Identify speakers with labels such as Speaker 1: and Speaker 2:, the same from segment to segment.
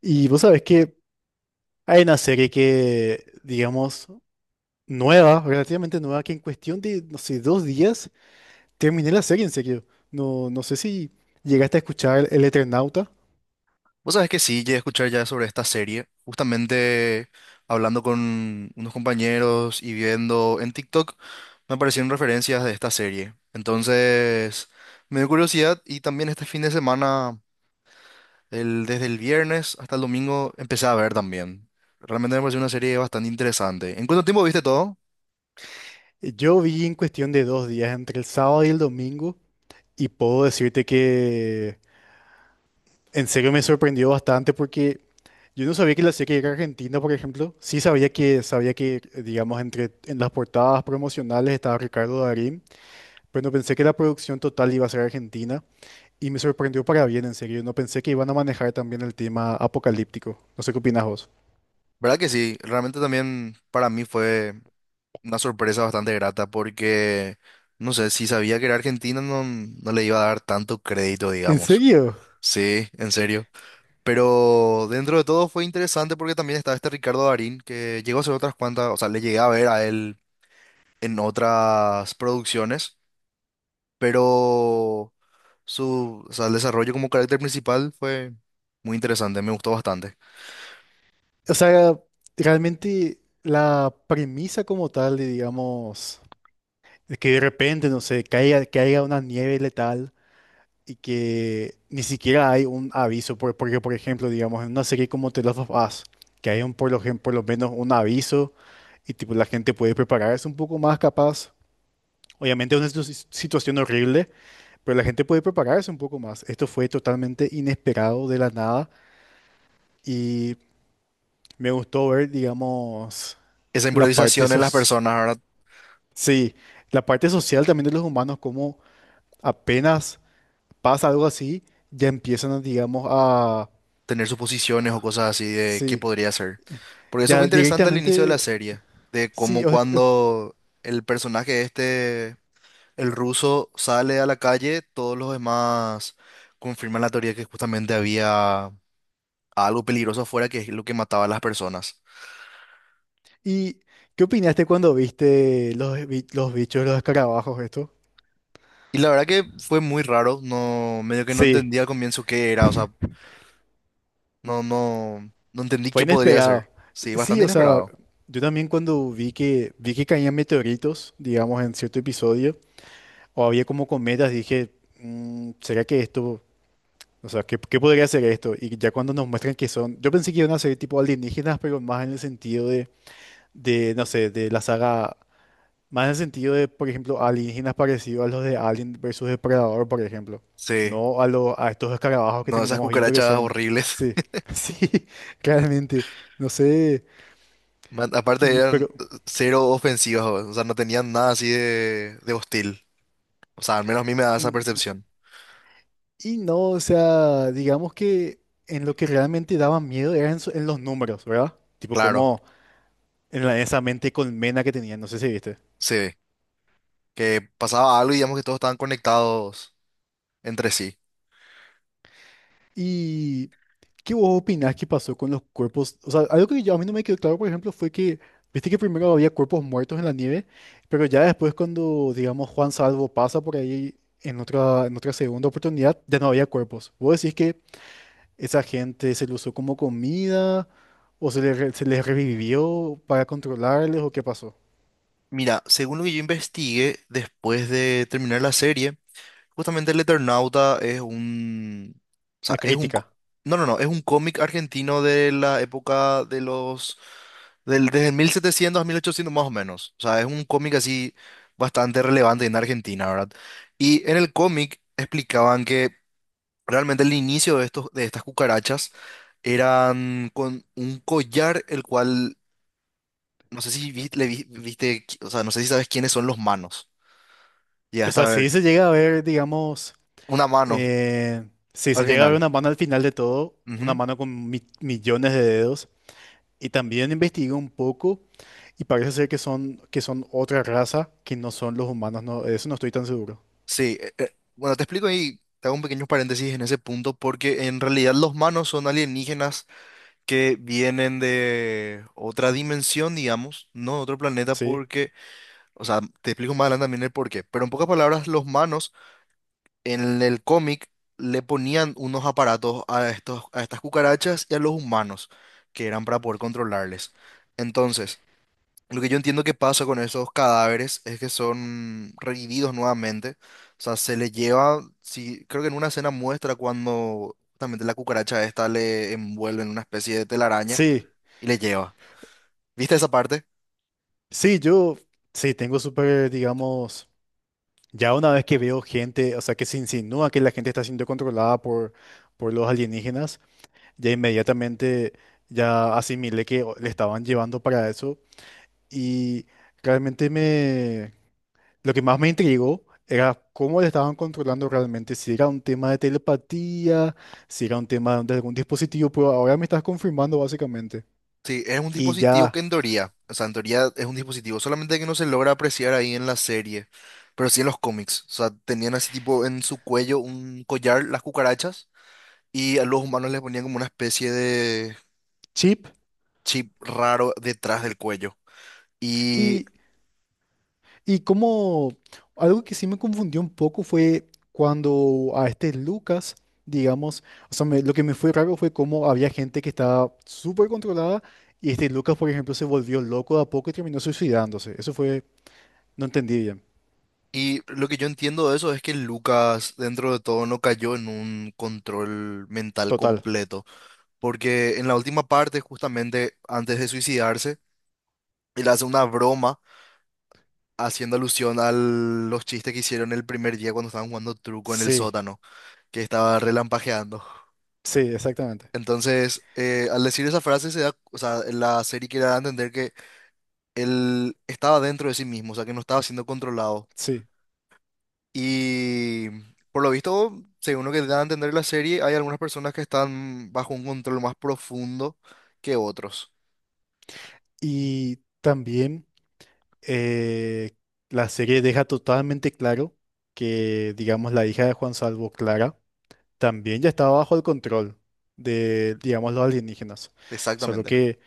Speaker 1: Y vos sabés que hay una serie que, digamos, nueva, relativamente nueva, que en cuestión de, no sé, dos días terminé la serie en serio. No sé si llegaste a escuchar El Eternauta.
Speaker 2: Vos sabés que sí, llegué a escuchar ya sobre esta serie, justamente hablando con unos compañeros y viendo en TikTok, me aparecieron referencias de esta serie. Entonces, me dio curiosidad y también este fin de semana, desde el viernes hasta el domingo, empecé a ver también. Realmente me pareció una serie bastante interesante. ¿En cuánto tiempo viste todo?
Speaker 1: Yo vi en cuestión de dos días, entre el sábado y el domingo, y puedo decirte que en serio me sorprendió bastante porque yo no sabía que la serie era argentina, por ejemplo. Sí sabía que, digamos, en las portadas promocionales estaba Ricardo Darín, pero no pensé que la producción total iba a ser argentina. Y me sorprendió para bien, en serio. No pensé que iban a manejar también el tema apocalíptico. No sé qué opinas vos.
Speaker 2: ¿Verdad que sí? Realmente también para mí fue una sorpresa bastante grata porque, no sé, si sabía que era Argentina no, no le iba a dar tanto crédito,
Speaker 1: ¿En
Speaker 2: digamos.
Speaker 1: serio?
Speaker 2: Sí, en serio. Pero dentro de todo fue interesante porque también estaba este Ricardo Darín, que llegó a hacer otras cuantas, o sea, le llegué a ver a él en otras producciones, pero su, o sea, el desarrollo como carácter principal fue muy interesante, me gustó bastante.
Speaker 1: O sea, realmente la premisa como tal, de, digamos, de que de repente, no sé, caiga una nieve letal y que ni siquiera hay un aviso. Porque, por ejemplo, digamos, en una serie como The Last of Us, que hay un, por lo menos un aviso y tipo la gente puede prepararse un poco más capaz. Obviamente es una situación horrible. Pero la gente puede prepararse un poco más. Esto fue totalmente inesperado de la nada y me gustó ver, digamos,
Speaker 2: Esa
Speaker 1: la parte
Speaker 2: improvisación en las
Speaker 1: sos-
Speaker 2: personas, ahora
Speaker 1: sí, la parte social también de los humanos, como apenas pasa algo así, ya empiezan, a, digamos, a,
Speaker 2: tener suposiciones o cosas así de qué
Speaker 1: sí,
Speaker 2: podría ser. Porque eso fue
Speaker 1: ya
Speaker 2: interesante al inicio de la
Speaker 1: directamente,
Speaker 2: serie, de
Speaker 1: sí.
Speaker 2: cómo cuando el personaje este... El ruso sale a la calle, todos los demás confirman la teoría que justamente había algo peligroso afuera que es lo que mataba a las personas.
Speaker 1: ¿Y qué opinaste cuando viste los bichos, los escarabajos, esto?
Speaker 2: Y la verdad que fue muy raro, no, medio que no
Speaker 1: Sí.
Speaker 2: entendía al comienzo qué era, o sea, no, no, no entendí
Speaker 1: Fue
Speaker 2: qué podría ser.
Speaker 1: inesperado.
Speaker 2: Sí,
Speaker 1: Sí,
Speaker 2: bastante
Speaker 1: o sea,
Speaker 2: inesperado.
Speaker 1: yo también cuando vi que caían meteoritos, digamos, en cierto episodio, o había como cometas, dije, "Mm, ¿será que esto, o sea, ¿qué, qué podría ser esto?" Y ya cuando nos muestran que son, yo pensé que iban a ser tipo alienígenas, pero más en el sentido de, no sé, de la saga, más en el sentido de, por ejemplo, alienígenas parecidos a los de Alien versus Depredador, por ejemplo.
Speaker 2: Sí,
Speaker 1: No a los, a estos escarabajos que
Speaker 2: no, esas
Speaker 1: terminamos viendo que
Speaker 2: cucarachas
Speaker 1: son,
Speaker 2: horribles.
Speaker 1: sí, sí, claramente, no sé.
Speaker 2: Aparte
Speaker 1: Y,
Speaker 2: eran
Speaker 1: pero,
Speaker 2: cero ofensivas, o sea, no tenían nada así de hostil. O sea, al menos a mí me da esa
Speaker 1: en-
Speaker 2: percepción.
Speaker 1: y no, o sea, digamos que en lo que realmente daba miedo era en los números, ¿verdad? Tipo
Speaker 2: Claro,
Speaker 1: como esa mente colmena que tenía, no sé si viste.
Speaker 2: sí. Que pasaba algo y digamos que todos estaban conectados entre sí.
Speaker 1: ¿Y qué vos opinás que pasó con los cuerpos? O sea, algo que yo, a mí no me quedó claro, por ejemplo, fue que, viste que primero había cuerpos muertos en la nieve, pero ya después cuando, digamos, Juan Salvo pasa por ahí en otra segunda oportunidad, ya no había cuerpos. ¿Vos decís que esa gente se lo usó como comida? ¿O se les revivió para controlarles o qué pasó?
Speaker 2: Mira, según lo que yo investigué después de terminar la serie, justamente el Eternauta es un... O
Speaker 1: La
Speaker 2: sea, es un...
Speaker 1: crítica.
Speaker 2: No, no, no, es un cómic argentino de la época de los... Del, desde el 1700 a 1800 más o menos. O sea, es un cómic así bastante relevante en Argentina, ¿verdad? Y en el cómic explicaban que realmente el inicio de estos, de estas cucarachas eran con un collar, el cual, no sé si viste, o sea, no sé si sabes quiénes son los manos.
Speaker 1: O
Speaker 2: Llegaste a
Speaker 1: sea, si
Speaker 2: ver
Speaker 1: se llega a ver, digamos,
Speaker 2: una mano
Speaker 1: eh, si
Speaker 2: al
Speaker 1: se llega a ver
Speaker 2: final.
Speaker 1: una mano al final de todo, una
Speaker 2: Ujú.
Speaker 1: mano con millones de dedos, y también investigué un poco y parece ser que son otra raza que no son los humanos, no, de eso no estoy tan seguro.
Speaker 2: Sí, bueno, te explico ahí, te hago un pequeño paréntesis en ese punto, porque en realidad los manos son alienígenas que vienen de otra dimensión, digamos, no de otro planeta,
Speaker 1: Sí,
Speaker 2: porque, o sea, te explico más adelante también el porqué, pero en pocas palabras, los manos en el cómic le ponían unos aparatos a estos, a estas cucarachas y a los humanos, que eran para poder controlarles. Entonces, lo que yo entiendo que pasa con esos cadáveres es que son revividos nuevamente. O sea, se les lleva, sí, creo que en una escena muestra cuando justamente la cucaracha esta le envuelve en una especie de telaraña
Speaker 1: sí,
Speaker 2: y le lleva. ¿Viste esa parte?
Speaker 1: sí, yo, sí, tengo súper, digamos, ya una vez que veo gente, o sea, que se insinúa que la gente está siendo controlada por los alienígenas. Ya inmediatamente ya asimilé que le estaban llevando para eso y realmente me lo que más me intrigó era cómo le estaban controlando realmente, si era un tema de telepatía, si era un tema de algún dispositivo, pero ahora me estás confirmando básicamente.
Speaker 2: Sí, es un
Speaker 1: Y
Speaker 2: dispositivo que
Speaker 1: ya
Speaker 2: en teoría, o sea, en teoría es un dispositivo, solamente que no se logra apreciar ahí en la serie, pero sí en los cómics. O sea, tenían así tipo en su cuello un collar, las cucarachas, y a los humanos les ponían como una especie de
Speaker 1: chip
Speaker 2: chip raro detrás del cuello. Y,
Speaker 1: y. Y como algo que sí me confundió un poco fue cuando a este Lucas, digamos, o sea, lo que me fue raro fue cómo había gente que estaba súper controlada y este Lucas, por ejemplo, se volvió loco de a poco y terminó suicidándose. Eso fue, no entendí bien.
Speaker 2: y lo que yo entiendo de eso es que Lucas, dentro de todo, no cayó en un control mental
Speaker 1: Total.
Speaker 2: completo, porque en la última parte, justamente antes de suicidarse, él hace una broma haciendo alusión a los chistes que hicieron el primer día cuando estaban jugando truco en el
Speaker 1: Sí,
Speaker 2: sótano, que estaba relampagueando.
Speaker 1: sí, exactamente.
Speaker 2: Entonces, al decir esa frase, se da, o sea, la serie quiere dar a entender que él estaba dentro de sí mismo, o sea, que no estaba siendo controlado.
Speaker 1: Sí.
Speaker 2: Y por lo visto, según lo que da a entender la serie, hay algunas personas que están bajo un control más profundo que otros.
Speaker 1: Y también eh, la serie deja totalmente claro que, digamos, la hija de Juan Salvo, Clara, también ya estaba bajo el control de, digamos, los alienígenas. Solo
Speaker 2: Exactamente.
Speaker 1: que,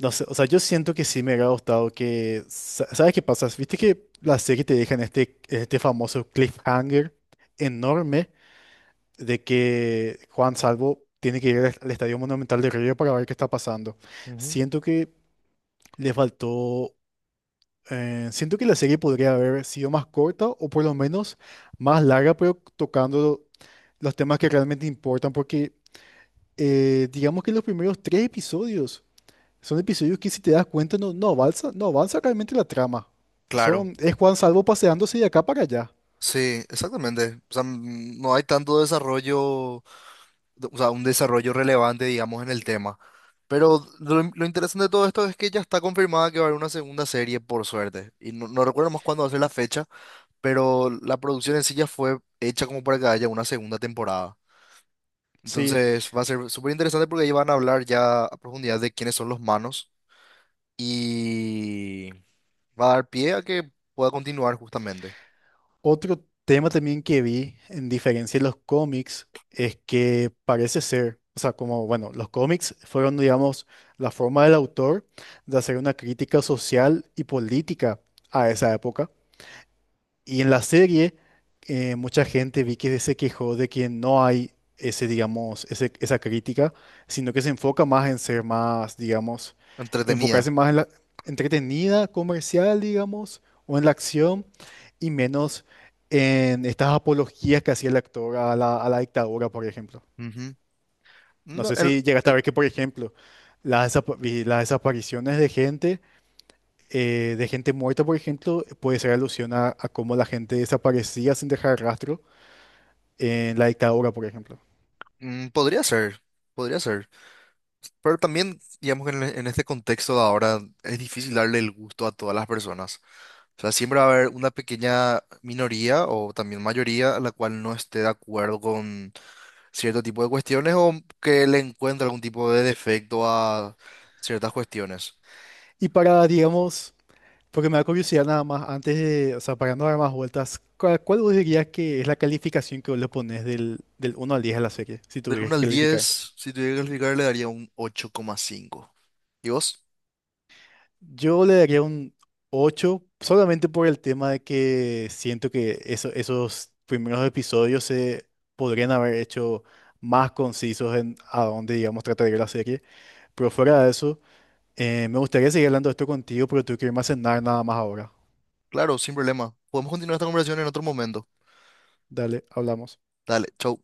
Speaker 1: no sé, o sea, yo siento que sí me hubiera gustado que, ¿sabes qué pasa? Viste que la serie te deja en este, este famoso cliffhanger enorme de que Juan Salvo tiene que ir al al Estadio Monumental de Río para ver qué está pasando.
Speaker 2: Ujú.
Speaker 1: Siento que le faltó... siento que la serie podría haber sido más corta o por lo menos más larga, pero tocando los temas que realmente importan, porque digamos que los primeros tres episodios son episodios que si te das cuenta no avanza, no avanza realmente la trama.
Speaker 2: Claro,
Speaker 1: Son, es Juan Salvo paseándose de acá para allá.
Speaker 2: sí, exactamente. O sea, no hay tanto desarrollo, o sea, un desarrollo relevante, digamos, en el tema. Pero lo interesante de todo esto es que ya está confirmada que va a haber una segunda serie, por suerte. Y no, no recuerdo más cuándo va a ser la fecha, pero la producción en sí ya fue hecha como para que haya una segunda temporada.
Speaker 1: Sí,
Speaker 2: Entonces va a ser súper interesante porque ahí van a hablar ya a profundidad de quiénes son los manos y va a dar pie a que pueda continuar justamente.
Speaker 1: otro tema también que vi, en diferencia de los cómics, es que parece ser, o sea, como, bueno, los cómics fueron, digamos, la forma del autor de hacer una crítica social y política a esa época. Y en la serie, mucha gente vi que se quejó de que no hay ese, digamos, esa crítica, sino que se enfoca más en ser más, digamos, enfocarse
Speaker 2: Entretenida.
Speaker 1: más en la entretenida, comercial, digamos, o en la acción, y menos en estas apologías que hacía el actor a la dictadura, por ejemplo.
Speaker 2: Ujú.
Speaker 1: No
Speaker 2: No,
Speaker 1: sé si llegaste a
Speaker 2: el-
Speaker 1: ver que, por ejemplo, vi las desapariciones de gente, de gente muerta, por ejemplo, puede ser alusión a cómo la gente desaparecía sin dejar rastro en la dictadura, por ejemplo.
Speaker 2: podría ser, podría ser. Pero también, digamos en este contexto de ahora es difícil darle el gusto a todas las personas. O sea, siempre va a haber una pequeña minoría o también mayoría a la cual no esté de acuerdo con cierto tipo de cuestiones o que le encuentre algún tipo de defecto a ciertas cuestiones.
Speaker 1: Y para, digamos, porque me da curiosidad nada más, antes de, o sea, para no dar más vueltas, ¿cuál, cuál vos dirías que es la calificación que vos le pones del, del 1 al 10 a la serie, si
Speaker 2: Del
Speaker 1: tuvieras
Speaker 2: uno
Speaker 1: que
Speaker 2: al
Speaker 1: calificar?
Speaker 2: 10 si tuviera que calificar, le daría un 8,5. ¿Y vos?
Speaker 1: Yo le daría un 8 solamente por el tema de que siento que esos primeros episodios se podrían haber hecho más concisos en a dónde, digamos, trataría la serie. Pero fuera de eso, me gustaría seguir hablando de esto contigo, pero tengo que irme a cenar nada más ahora.
Speaker 2: Claro, sin problema. Podemos continuar esta conversación en otro momento.
Speaker 1: Dale, hablamos.
Speaker 2: Dale, chau.